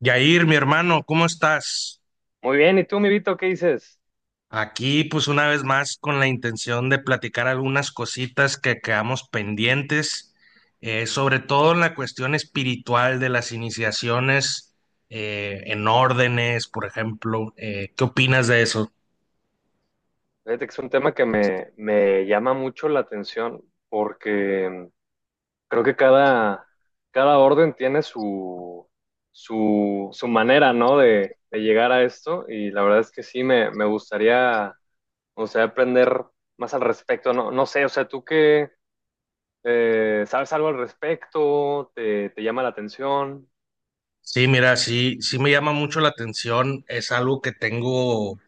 Yair, mi hermano, ¿cómo estás? Muy bien, ¿y tú, mi Vito, qué dices? Aquí, pues una vez más, con la intención de platicar algunas cositas que quedamos pendientes, sobre todo en la cuestión espiritual de las iniciaciones en órdenes, por ejemplo. ¿qué opinas de eso? Fíjate que es un tema que me llama mucho la atención porque creo que cada orden tiene su manera, ¿no?, de llegar a esto, y la verdad es que sí, me gustaría aprender más al respecto, ¿no? No sé, o sea, ¿tú qué sabes algo al respecto? Te llama la atención? Sí, mira, sí, sí me llama mucho la atención. Es algo que tengo.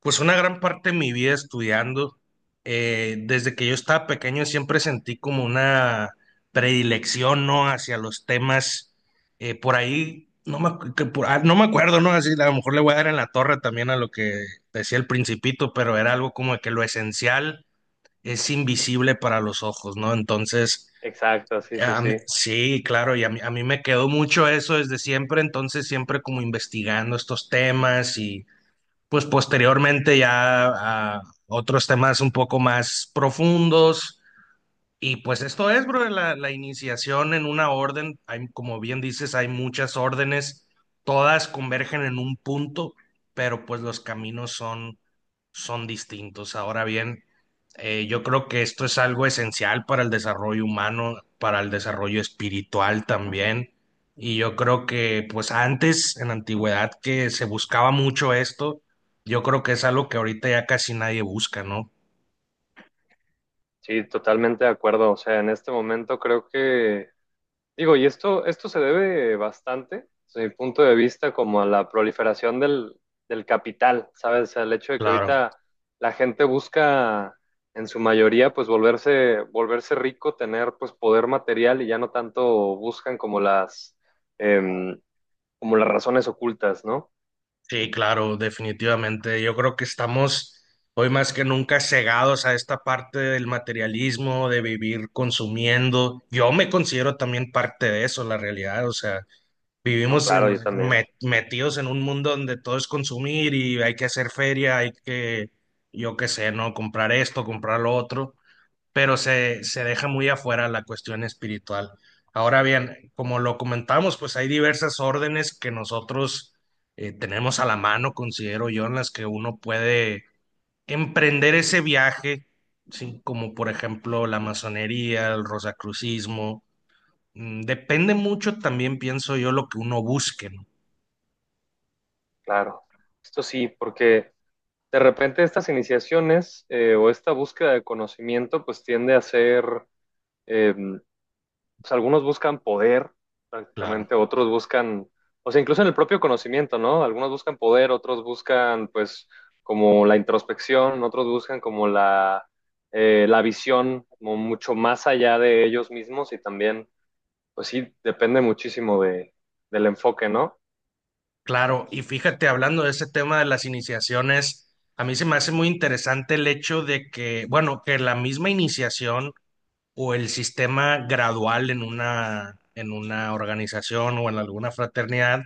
Pues una gran parte de mi vida estudiando, desde que yo estaba pequeño siempre sentí como una predilección, ¿no? Hacia los temas, por ahí, no me, no me acuerdo, ¿no? Así, a lo mejor le voy a dar en la torre también a lo que decía el principito, pero era algo como de que lo esencial es invisible para los ojos, ¿no? Entonces, Exacto, sí, sí, sí. sí, claro, y a mí me quedó mucho eso desde siempre, entonces siempre como investigando estos temas, pues posteriormente ya a otros temas un poco más profundos. Y pues esto es, bro, la iniciación en una orden. Hay, como bien dices, hay muchas órdenes, todas convergen en un punto, pero pues los caminos son son distintos. Ahora bien, yo creo que esto es algo esencial para el desarrollo humano, para el desarrollo espiritual también. Y yo creo que, pues antes, en la antigüedad, que se buscaba mucho esto, yo creo que es algo que ahorita ya casi nadie busca, ¿no? Sí, totalmente de acuerdo. O sea, en este momento creo que Digo, y esto se debe bastante, desde mi punto de vista, como a la proliferación del capital, ¿sabes? O sea, el hecho de que Claro, ahorita la gente busca, en su mayoría, pues volverse rico, tener pues poder material y ya no tanto buscan como em, como las razones ocultas, ¿no? sí, claro, definitivamente. Yo creo que estamos hoy más que nunca cegados a esta parte del materialismo, de vivir consumiendo. Yo me considero también parte de eso, la realidad, o sea. No, Vivimos claro, en, yo también, metidos en un mundo donde todo es consumir y hay que hacer feria, hay que, yo qué sé, ¿no? Comprar esto, comprar lo otro, pero se deja muy afuera la cuestión espiritual. Ahora bien, como lo comentamos, pues hay diversas órdenes que nosotros tenemos a la mano, considero yo, en las que uno puede emprender ese viaje, ¿sí? Como por ejemplo la masonería, el rosacrucismo. Mm, depende mucho también, pienso yo, lo que uno busque, ¿no? claro. Esto sí, porque de repente estas iniciaciones o esta búsqueda de conocimiento pues tiende a ser em, o sea, algunos buscan poder, Claro, prácticamente, otros buscan, o sea, incluso en el propio conocimiento, ¿no? Algunos buscan poder, otros buscan, pues, como la introspección, otros buscan como la visión como mucho más allá de ellos mismos y también, pues sí, depende muchísimo del enfoque, ¿no? claro. Y fíjate, hablando de ese tema de las iniciaciones, a mí se me hace muy interesante el hecho de que, bueno, que la misma iniciación o el sistema gradual en una organización o en alguna fraternidad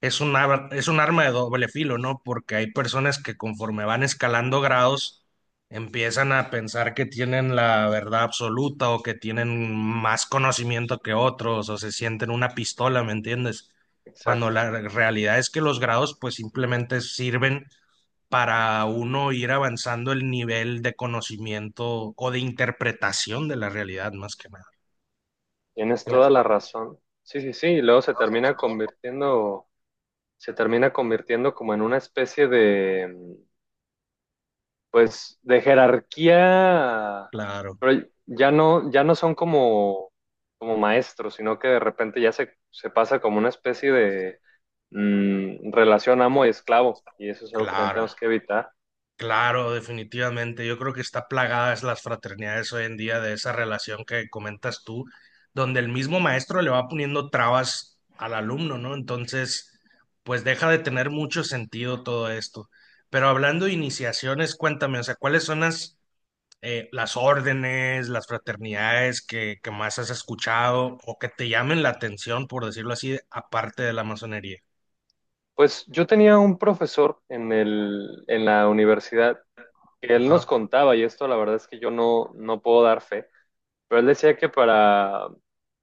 es un, es un arma de doble filo, ¿no? Porque hay personas que conforme van escalando grados, empiezan a pensar que tienen la verdad absoluta o que tienen más conocimiento que otros o se sienten una pistola, ¿me entiendes? Cuando Exacto. la realidad es que los grados pues simplemente sirven para uno ir avanzando el nivel de conocimiento o de interpretación de la realidad, más que nada. Tienes toda la razón. Sí, sí, sí. Y luego se termina convirtiendo como en una especie de, pues de jerarquía, Claro, pero ya no son como, como maestros, sino que de repente ya se pasa como una especie de relación amo y esclavo, y eso es algo que también claro, tenemos que evitar. claro, definitivamente. Yo creo que está plagadas las fraternidades hoy en día de esa relación que comentas tú, donde el mismo maestro le va poniendo trabas al alumno, ¿no? Entonces, pues deja de tener mucho sentido todo esto. Pero hablando de iniciaciones, cuéntame, o sea, ¿cuáles son las órdenes, las fraternidades que más has escuchado o que te llamen la atención, por decirlo así, aparte de la masonería? Pues yo tenía un profesor en en la universidad, que él nos Ajá. contaba, y esto la verdad es que yo no, no puedo dar fe, pero él decía que para,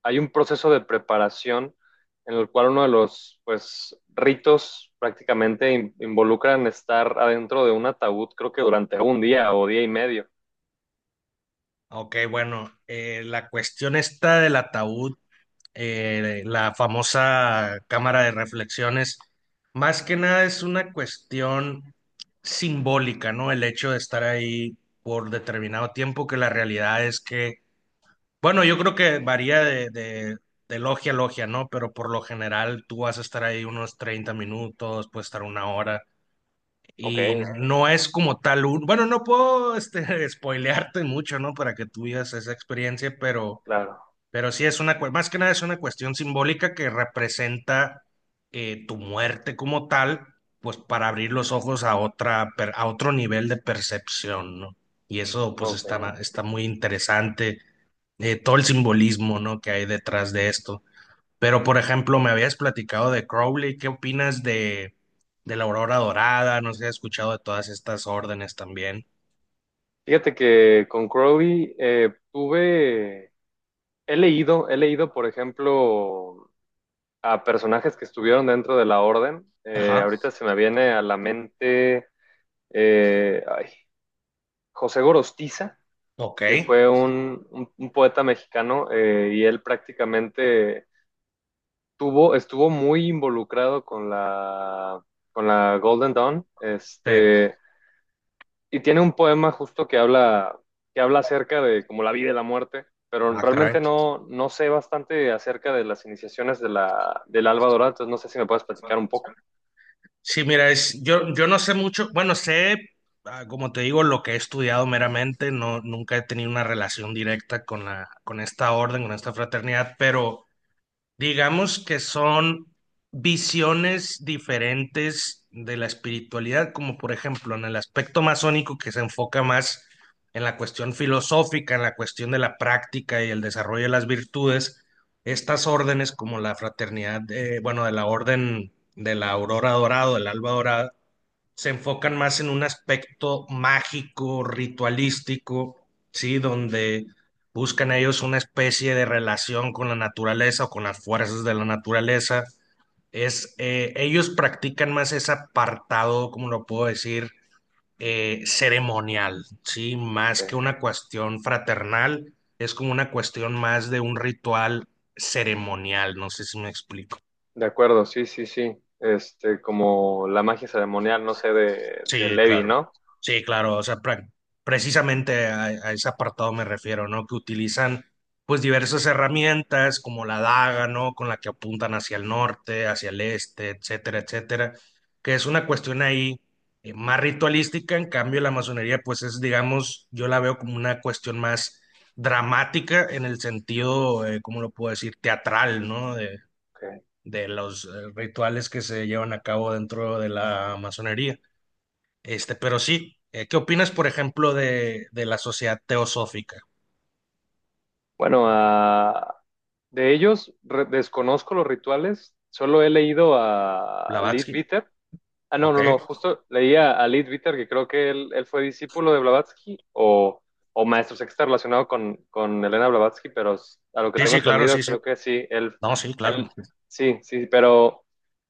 hay un proceso de preparación en el cual uno de los, pues, ritos prácticamente involucran estar adentro de un ataúd, creo que durante un día o día y medio. Ok, bueno, la cuestión esta del ataúd, la famosa cámara de reflexiones, más que nada es una cuestión simbólica, ¿no? El hecho de estar ahí por determinado tiempo, que la realidad es que, bueno, yo creo que varía de logia a logia, ¿no? Pero por lo general tú vas a estar ahí unos 30 minutos, puedes estar una hora. Y Ok, ok, no es como tal un... Bueno, no puedo este, spoilearte mucho, ¿no? Para que tú vivas esa experiencia, claro, pero sí es una, más que nada es una cuestión simbólica que representa tu muerte como tal, pues para abrir los ojos a otra, a otro nivel de percepción, ¿no? Y eso pues está, ok. está muy interesante, todo el simbolismo, ¿no? que hay detrás de esto. Pero, por ejemplo, me habías platicado de Crowley, ¿qué opinas de la Aurora Dorada? No sé si has escuchado de todas estas órdenes también. Fíjate que con Crowley he leído, por ejemplo, a personajes que estuvieron dentro de la orden. Ajá, Ahorita se me viene a la mente eh, ay, José Gorostiza, ok. que fue un poeta mexicano, y él prácticamente estuvo muy involucrado con con la Golden Dawn. Sí. Este, y tiene un poema justo que habla acerca de como la vida y la muerte, pero Ah, caray. realmente no sé bastante acerca de las iniciaciones de la, del Alba Dorada, entonces no sé si me puedes platicar un poco. Sí, mira, es, yo no sé mucho, bueno, sé, ah, como te digo, lo que he estudiado meramente, no, nunca he tenido una relación directa con la, con esta orden, con esta fraternidad, pero digamos que son visiones diferentes de la espiritualidad, como por ejemplo en el aspecto masónico que se enfoca más en la cuestión filosófica, en la cuestión de la práctica y el desarrollo de las virtudes, estas órdenes como la fraternidad, bueno, de la orden de la aurora dorada, del alba dorada, se enfocan más en un aspecto mágico, ritualístico, ¿sí? Donde buscan ellos una especie de relación con la naturaleza o con las fuerzas de la naturaleza. Es, ellos practican más ese apartado, como lo puedo decir, ceremonial, ¿sí? Más que Okay. una cuestión fraternal, es como una cuestión más de un ritual ceremonial, no sé si me explico. De acuerdo, sí, sí, sí. Este, como la magia ceremonial, no sé, de Sí, Levi, claro. ¿no? Sí, claro. O sea, precisamente a ese apartado me refiero, ¿no? Que utilizan pues diversas herramientas como la daga, ¿no? Con la que apuntan hacia el norte, hacia el este, etcétera, etcétera. Que es una cuestión ahí más ritualística. En cambio, la masonería pues es, digamos, yo la veo como una cuestión más dramática en el sentido, ¿cómo lo puedo decir? Teatral, ¿no? Okay. De los rituales que se llevan a cabo dentro de la masonería. Este, pero sí, ¿qué opinas, por ejemplo, de la sociedad teosófica? Bueno, a, de ellos desconozco los rituales, solo he leído a Blavatsky, Leadbeater. Ah, no, ok. no, no, justo leía a Leadbeater, que creo que él fue discípulo de Blavatsky o maestro sexta relacionado con Elena Blavatsky, pero a lo que Sí, tengo sí, claro, sí, entendido, sí. creo que sí, No, sí, claro. él, sí, sí, pero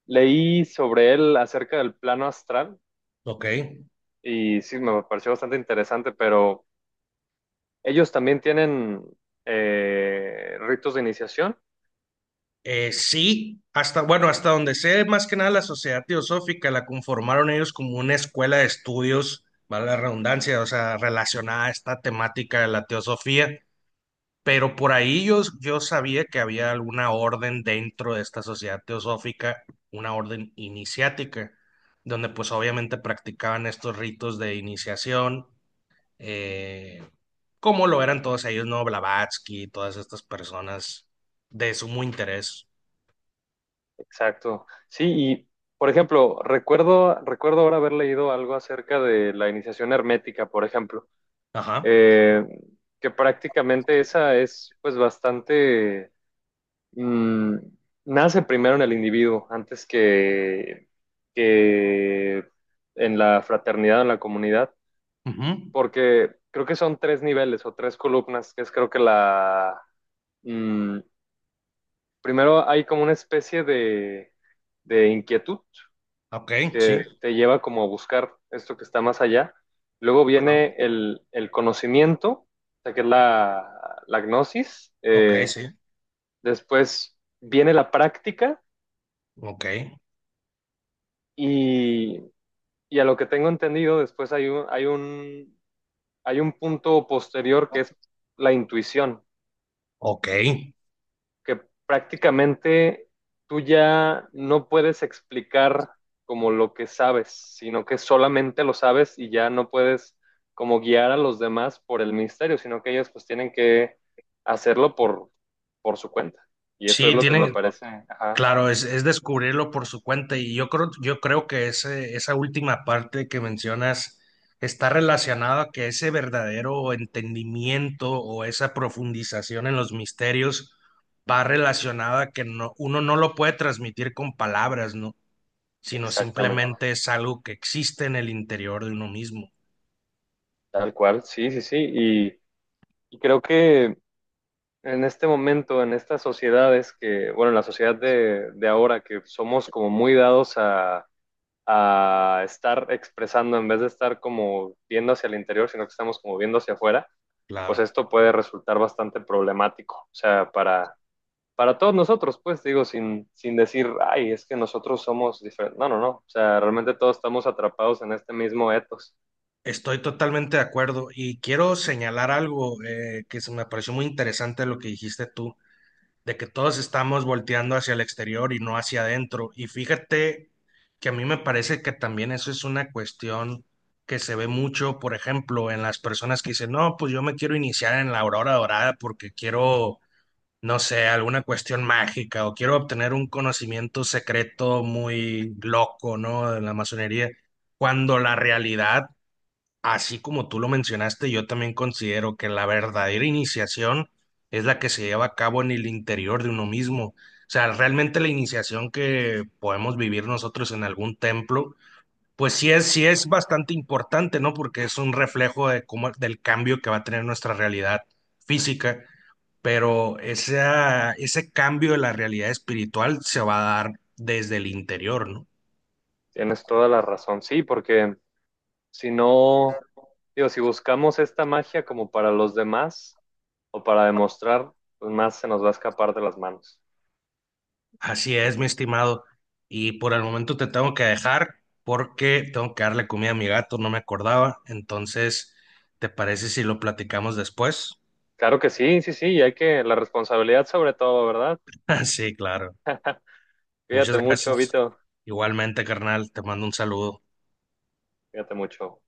leí sobre él acerca del plano astral, Ok. y sí, me pareció bastante interesante, pero ellos también tienen ritos de iniciación. Sí, hasta, bueno, hasta donde sé, más que nada la sociedad teosófica la conformaron ellos como una escuela de estudios, vale la redundancia, o sea, relacionada a esta temática de la teosofía. Pero por ahí yo, yo sabía que había alguna orden dentro de esta sociedad teosófica, una orden iniciática, donde pues obviamente practicaban estos ritos de iniciación, eh, como lo eran todos ellos, ¿no? Blavatsky, todas estas personas de sumo interés. Exacto. Sí, y por ejemplo, recuerdo ahora haber leído algo acerca de la iniciación hermética, por ejemplo, Ajá. eh, que prácticamente esa es pues bastante, mm, nace primero en el individuo antes que en la fraternidad, en la comunidad, Ujú, porque creo que son tres niveles o tres columnas, que es creo que la, mm, primero hay como una especie de inquietud ok, sí. que te lleva como a buscar esto que está más allá. Luego Ajá, viene el conocimiento, o sea, que es la gnosis. ok, sí. Después viene la práctica Ok, y, y a lo que tengo entendido, después hay hay un punto posterior que es la intuición, ok. que prácticamente tú ya no puedes explicar como lo que sabes, sino que solamente lo sabes y ya no puedes como guiar a los demás por el misterio, sino que ellos pues tienen que hacerlo por su cuenta. Y eso es Sí, lo que me tienen, parece, ajá, claro, es descubrirlo por su cuenta y yo creo que ese, esa última parte que mencionas está relacionada a que ese verdadero entendimiento o esa profundización en los misterios va relacionada a que no, uno no lo puede transmitir con palabras, ¿no? Sino exactamente, simplemente es algo que existe en el interior de uno mismo. tal cual, sí, sí, sí. Y creo que en este momento, en estas sociedades que, bueno, en la sociedad de ahora, que somos como muy dados a estar expresando, en vez de estar como viendo hacia el interior, sino que estamos como viendo hacia afuera, pues Claro. esto puede resultar bastante problemático. O sea, para todos nosotros, pues digo, sin decir, ay, es que nosotros somos diferentes. No, no, no. O sea, realmente todos estamos atrapados en este mismo etos. Estoy totalmente de acuerdo y quiero señalar algo, que se me pareció muy interesante lo que dijiste tú de que todos estamos volteando hacia el exterior y no hacia adentro. Y fíjate que a mí me parece que también eso es una cuestión que se ve mucho, por ejemplo, en las personas que dicen, no, pues yo me quiero iniciar en la aurora dorada porque quiero, no sé, alguna cuestión mágica o quiero obtener un conocimiento secreto muy loco, ¿no? De la masonería, cuando la realidad, así como tú lo mencionaste, yo también considero que la verdadera iniciación es la que se lleva a cabo en el interior de uno mismo. O sea, realmente la iniciación que podemos vivir nosotros en algún templo, pues sí es bastante importante, ¿no? Porque es un reflejo de cómo, del cambio que va a tener nuestra realidad física, pero esa, ese cambio de la realidad espiritual se va a dar desde el interior, ¿no? Tienes toda la razón. Sí, porque si no, digo, si buscamos esta magia como para los demás o para demostrar, pues más se nos va a escapar de las manos. Así es, mi estimado. Y por el momento te tengo que dejar porque tengo que darle comida a mi gato, no me acordaba. Entonces, ¿te parece si lo platicamos después? Claro que sí, sí, sí, y hay que, la responsabilidad sobre todo, ¿verdad? Sí, claro. Muchas Cuídate mucho, gracias. Vito, Igualmente, carnal, te mando un saludo. cuídate mucho.